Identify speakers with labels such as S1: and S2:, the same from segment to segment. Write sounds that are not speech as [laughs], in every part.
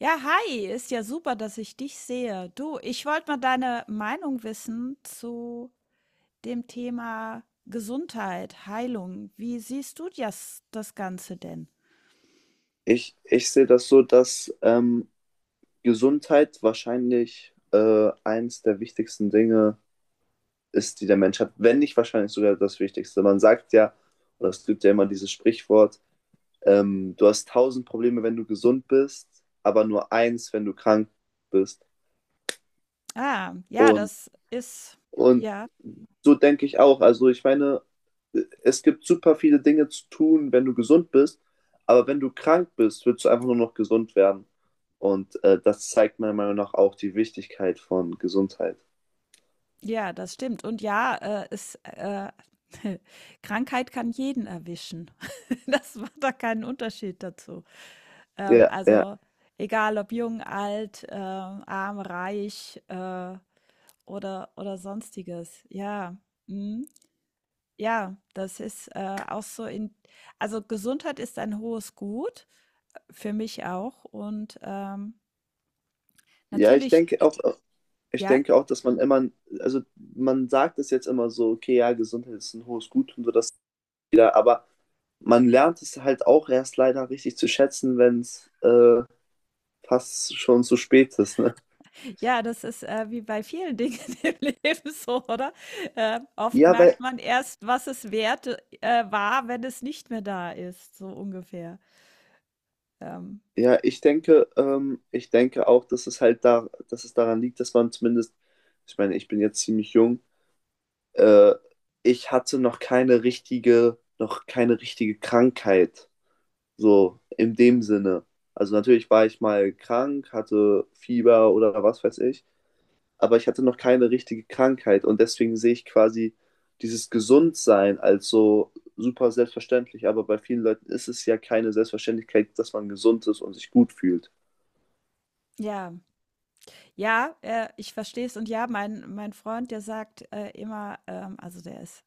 S1: Ja, hi, ist ja super, dass ich dich sehe. Du, ich wollte mal deine Meinung wissen zu dem Thema Gesundheit, Heilung. Wie siehst du das, das Ganze denn?
S2: Ich sehe das so, dass Gesundheit wahrscheinlich eines der wichtigsten Dinge ist, die der Mensch hat, wenn nicht wahrscheinlich sogar das Wichtigste. Man sagt ja, oder es gibt ja immer dieses Sprichwort, du hast 1000 Probleme, wenn du gesund bist, aber nur eins, wenn du krank bist.
S1: Ah, ja,
S2: Und
S1: das ist,
S2: Und
S1: ja,
S2: so denke ich auch. Also ich meine, es gibt super viele Dinge zu tun, wenn du gesund bist, aber wenn du krank bist, willst du einfach nur noch gesund werden. Und das zeigt meiner Meinung nach auch die Wichtigkeit von Gesundheit.
S1: ja, das stimmt. Und [laughs] Krankheit kann jeden erwischen. [laughs] Das macht da keinen Unterschied dazu.
S2: Ja, ja.
S1: Also, egal ob jung, alt, arm, reich, oder Sonstiges. Ja. Mhm. Ja, das ist, auch so in also, Gesundheit ist ein hohes Gut, für mich auch und
S2: Ja,
S1: natürlich
S2: ich
S1: ja?
S2: denke auch, dass man immer, also man sagt es jetzt immer so, okay, ja, Gesundheit ist ein hohes Gut und so das wieder, aber man lernt es halt auch erst leider richtig zu schätzen, wenn es fast schon zu spät ist, ne?
S1: Ja, das ist, wie bei vielen Dingen [laughs] im Leben so, oder? Oft
S2: Ja,
S1: merkt
S2: weil
S1: man erst, was es wert war, wenn es nicht mehr da ist, so ungefähr. Ähm,
S2: Ja, ich denke auch, dass es halt da, dass es daran liegt, dass man zumindest, ich meine, ich bin jetzt ziemlich jung, äh, ich hatte noch keine richtige Krankheit, so in dem Sinne. Also natürlich war ich mal krank, hatte Fieber oder was weiß ich, aber ich hatte noch keine richtige Krankheit und deswegen sehe ich quasi dieses Gesundsein als so super selbstverständlich, aber bei vielen Leuten ist es ja keine Selbstverständlichkeit, dass man gesund ist und sich gut fühlt.
S1: ja. Ja, ich verstehe es. Und ja, mein Freund, der sagt, immer, also, der ist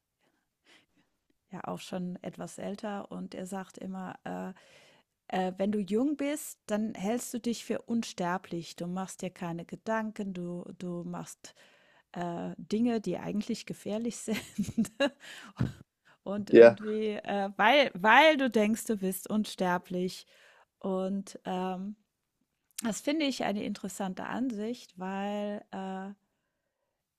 S1: ja auch schon etwas älter und er sagt immer, wenn du jung bist, dann hältst du dich für unsterblich. Du machst dir keine Gedanken, du machst Dinge, die eigentlich gefährlich sind. [laughs] Und
S2: Ja.
S1: irgendwie, weil du denkst, du bist unsterblich. Und das finde ich eine interessante Ansicht, weil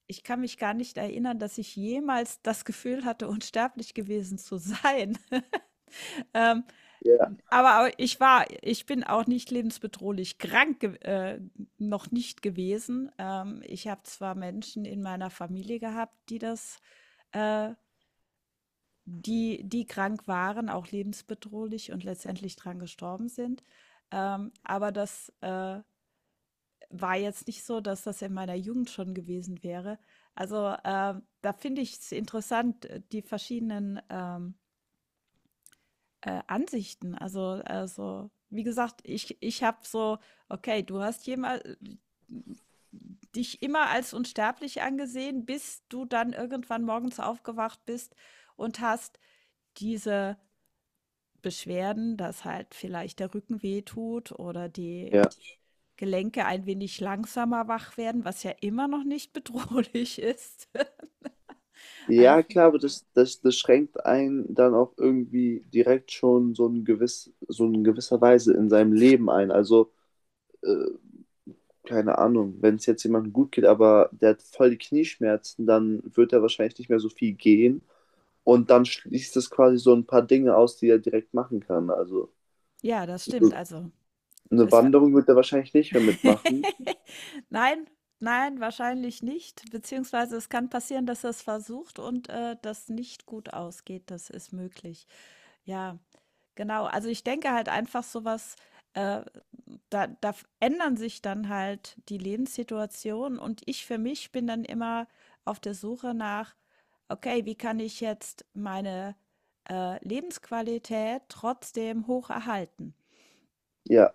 S1: ich kann mich gar nicht erinnern, dass ich jemals das Gefühl hatte, unsterblich gewesen zu sein. [laughs] ähm,
S2: Ja,
S1: aber ich bin auch nicht lebensbedrohlich krank ge noch nicht gewesen. Ich habe zwar Menschen in meiner Familie gehabt, die das äh, die die krank waren, auch lebensbedrohlich, und letztendlich dran gestorben sind. Aber das war jetzt nicht so, dass das in meiner Jugend schon gewesen wäre. Also, da finde ich es interessant, die verschiedenen Ansichten. Also, wie gesagt, ich habe so okay, du hast jema dich immer als unsterblich angesehen, bis du dann irgendwann morgens aufgewacht bist und hast diese Beschwerden, dass halt vielleicht der Rücken wehtut oder die
S2: ja.
S1: Gelenke ein wenig langsamer wach werden, was ja immer noch nicht bedrohlich ist. [laughs] Einf
S2: Ja, klar, aber das schränkt einen dann auch irgendwie direkt schon so in gewisser Weise in seinem Leben ein. Also, äh, keine Ahnung, wenn es jetzt jemandem gut geht, aber der hat voll die Knieschmerzen, dann wird er wahrscheinlich nicht mehr so viel gehen. Und dann schließt es quasi so ein paar Dinge aus, die er direkt machen kann. Also,
S1: Ja, das stimmt. Also,
S2: eine
S1: es
S2: Wanderung wird er wahrscheinlich nicht mehr mitmachen.
S1: [laughs] Nein, nein, wahrscheinlich nicht. Beziehungsweise es kann passieren, dass er es versucht und das nicht gut ausgeht. Das ist möglich. Ja, genau. Also ich denke halt einfach sowas, äh, ändern sich dann halt die Lebenssituation und ich für mich bin dann immer auf der Suche nach, okay, wie kann ich jetzt meine Lebensqualität trotzdem hoch erhalten?
S2: Ja,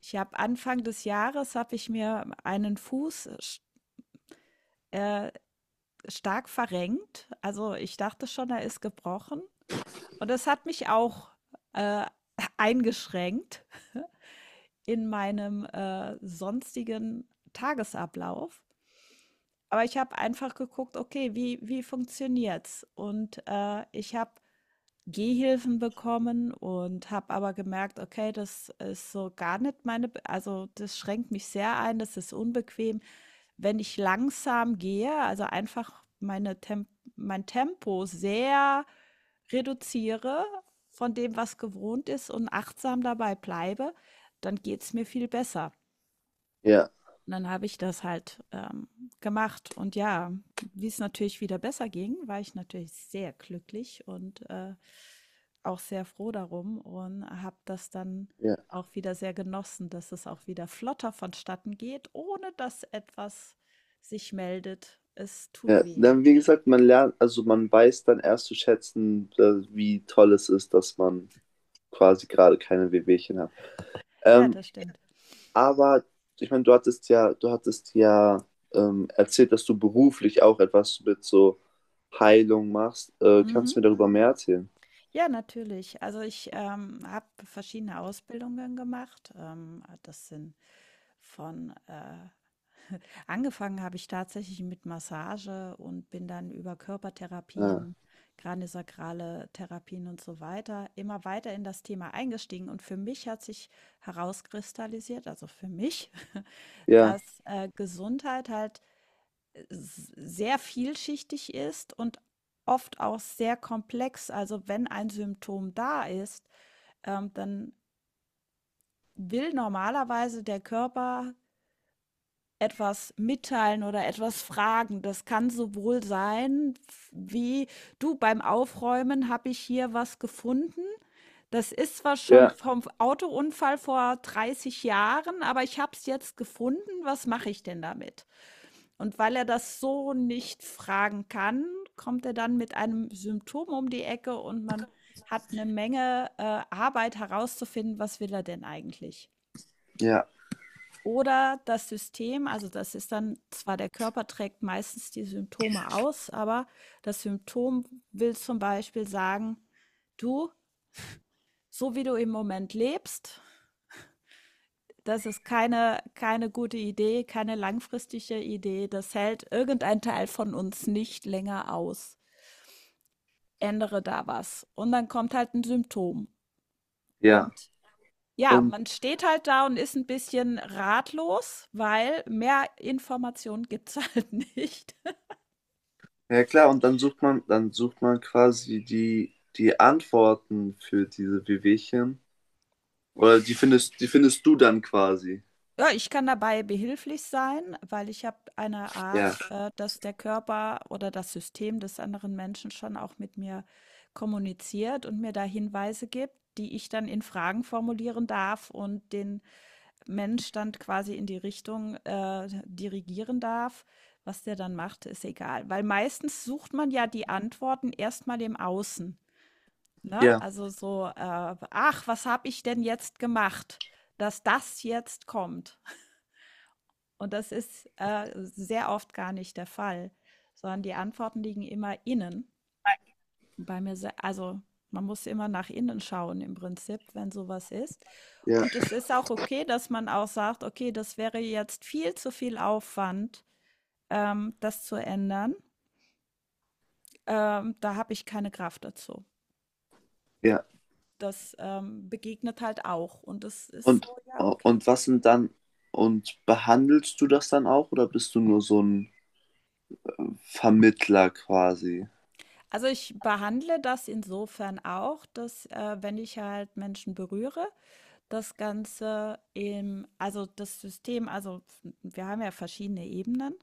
S1: Ich habe Anfang des Jahres habe ich mir einen Fuß sch äh, stark verrenkt. Also, ich dachte schon, er ist gebrochen und das hat mich auch, äh, [laughs] eingeschränkt in meinem, sonstigen Tagesablauf. Aber ich habe einfach geguckt: „Okay, wie funktioniert's?“ Und, ich habe Gehhilfen bekommen und habe aber gemerkt: „Okay, das ist so gar nicht meine b also, das schränkt mich sehr ein, das ist unbequem.“ Wenn ich langsam gehe, also einfach meine Temp mein Tempo sehr reduziere von dem, was gewohnt ist, und achtsam dabei bleibe, dann geht es mir viel besser.
S2: ja,
S1: Und dann habe ich das halt gemacht. Und ja, wie es natürlich wieder besser ging, war ich natürlich sehr glücklich und auch sehr froh darum und habe das dann
S2: ja.
S1: auch wieder sehr genossen, dass es auch wieder flotter vonstatten geht, ohne dass etwas sich meldet. Es tut
S2: Ja,
S1: weh.
S2: dann, wie gesagt, man lernt, also man weiß dann erst zu schätzen, wie toll es ist, dass man quasi gerade keine Wehwehchen hat.
S1: Ja,
S2: Ähm,
S1: das stimmt.
S2: aber ich meine, du hattest ja erzählt, dass du beruflich auch etwas mit so Heilung machst. Kannst
S1: Mhm.
S2: du mir darüber mehr erzählen?
S1: Ja, natürlich. Also ich habe verschiedene Ausbildungen gemacht. Das sind von [laughs] angefangen habe ich tatsächlich mit Massage und bin dann über
S2: Ah,
S1: Körpertherapien, kraniosakrale Therapien und so weiter immer weiter in das Thema eingestiegen. Und für mich hat sich herauskristallisiert, also für mich, [laughs]
S2: ja,
S1: dass Gesundheit halt sehr vielschichtig ist und oft auch sehr komplex. Also, wenn ein Symptom da ist, dann will normalerweise der Körper etwas mitteilen oder etwas fragen. Das kann sowohl sein, f wie: „Du, beim Aufräumen habe ich hier was gefunden. Das ist zwar schon
S2: ja,
S1: vom Autounfall vor 30 Jahren, aber ich habe es jetzt gefunden. Was mache ich denn damit?“ Und weil er das so nicht fragen kann, kommt er dann mit einem Symptom um die Ecke und man hat eine Menge, Arbeit herauszufinden, was will er denn eigentlich?
S2: ja,
S1: Oder das System, also das ist dann zwar der Körper trägt meistens die Symptome aus, aber das Symptom will zum Beispiel sagen, du, so wie du im Moment lebst, das ist keine, keine gute Idee, keine langfristige Idee, das hält irgendein Teil von uns nicht länger aus. Ändere da was. Und dann kommt halt ein Symptom.
S2: ja.
S1: Und ja,
S2: Und
S1: man steht halt da und ist ein bisschen ratlos, weil mehr Informationen gibt es [laughs] halt nicht.
S2: ja klar, und dann sucht man quasi die Antworten für diese Wehwehchen. Oder die findest du dann quasi.
S1: Ja, ich kann dabei behilflich sein, weil ich habe eine
S2: Ja,
S1: Art, dass der Körper oder das System des anderen Menschen schon auch mit mir kommuniziert und mir da Hinweise gibt, die ich dann in Fragen formulieren darf und den Mensch dann quasi in die Richtung dirigieren darf. Was der dann macht, ist egal. Weil meistens sucht man ja die Antworten erstmal im Außen. Ne?
S2: ja,
S1: Also so, ach, was habe ich denn jetzt gemacht, dass das jetzt kommt? Und das ist sehr oft gar nicht der Fall, sondern die Antworten liegen immer innen. Also man muss immer nach innen schauen im Prinzip, wenn sowas ist.
S2: ja,
S1: Und es ist auch okay, dass man auch sagt, okay, das wäre jetzt viel zu viel Aufwand, das zu ändern. Da habe ich keine Kraft dazu.
S2: ja.
S1: Das begegnet halt auch. Und das ist so, ja, okay.
S2: Und was sind dann, und behandelst du das dann auch oder bist du nur so ein Vermittler quasi?
S1: Also ich behandle das insofern auch, dass wenn ich halt Menschen berühre, das Ganze im, also das System, also wir haben ja verschiedene Ebenen,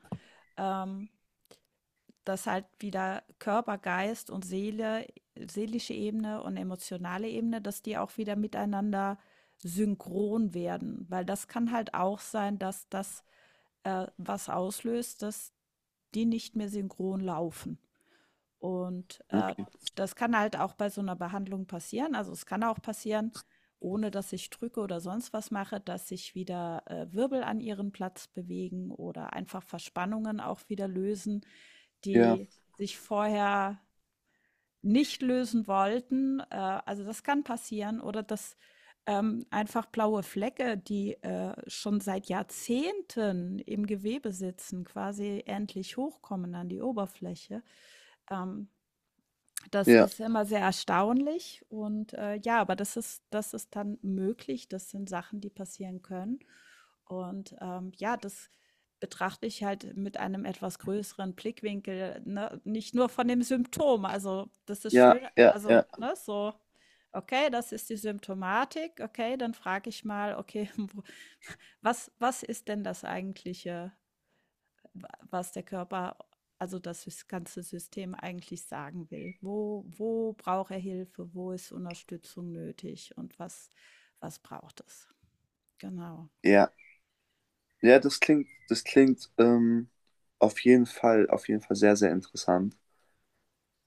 S1: ähm, dass halt wieder Körper, Geist und Seele, seelische Ebene und emotionale Ebene, dass die auch wieder miteinander synchron werden, weil das kann halt auch sein, dass das was auslöst, dass die nicht mehr synchron laufen. Und,
S2: Okay.
S1: das kann halt auch bei so einer Behandlung passieren. Also, es kann auch passieren, ohne dass ich drücke oder sonst was mache, dass sich wieder, Wirbel an ihren Platz bewegen oder einfach Verspannungen auch wieder lösen,
S2: Ja,
S1: die sich vorher nicht lösen wollten. Also, das kann passieren oder dass, einfach blaue Flecke, die, schon seit Jahrzehnten im Gewebe sitzen, quasi endlich hochkommen an die Oberfläche. Ähm, das
S2: ja,
S1: ist immer sehr erstaunlich und, ja, aber das ist dann möglich. Das sind Sachen, die passieren können, und, ja, das betrachte ich halt mit einem etwas größeren Blickwinkel, ne? Nicht nur von dem Symptom. Also, das ist
S2: ja,
S1: schön,
S2: ja,
S1: also,
S2: ja,
S1: ne, so, okay, das ist die Symptomatik. Okay, dann frage ich mal, okay, [laughs] wo was ist denn das eigentliche, was der Körper, also das ganze System eigentlich sagen will. Wo braucht er Hilfe? Wo ist Unterstützung nötig? Und was braucht es? Genau.
S2: ja. Ja, das klingt auf jeden Fall sehr, sehr interessant.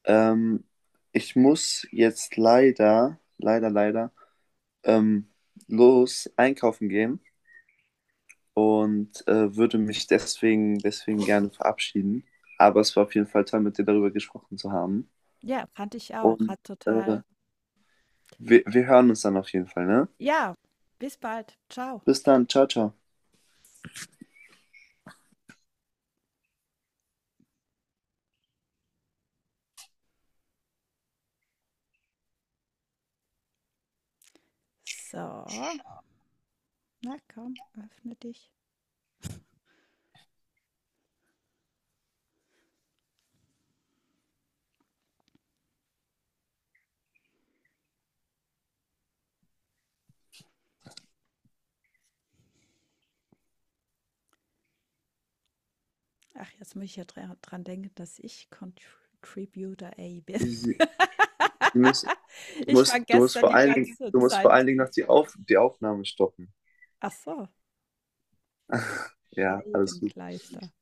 S2: Ähm, ich muss jetzt leider, leider, leider, ähm, los einkaufen gehen. Und würde mich deswegen gerne verabschieden. Aber es war auf jeden Fall toll, mit dir darüber gesprochen zu haben.
S1: Ja, fand ich auch.
S2: Und
S1: Hat
S2: äh,
S1: total.
S2: wir hören uns dann auf jeden Fall, ne?
S1: Ja, bis bald. Ciao.
S2: Bis dann, ciao, ciao.
S1: So, na komm, öffne dich. Ach, jetzt muss ich ja dran denken, dass ich Contributor A bin.
S2: Sie, Sie
S1: [laughs]
S2: müssen,
S1: Ich war
S2: du musst
S1: gestern
S2: vor
S1: die
S2: allen Dingen,
S1: ganze Zeit.
S2: noch die Aufnahme stoppen.
S1: Ach so,
S2: Ja, alles gut.
S1: Scheibenkleister.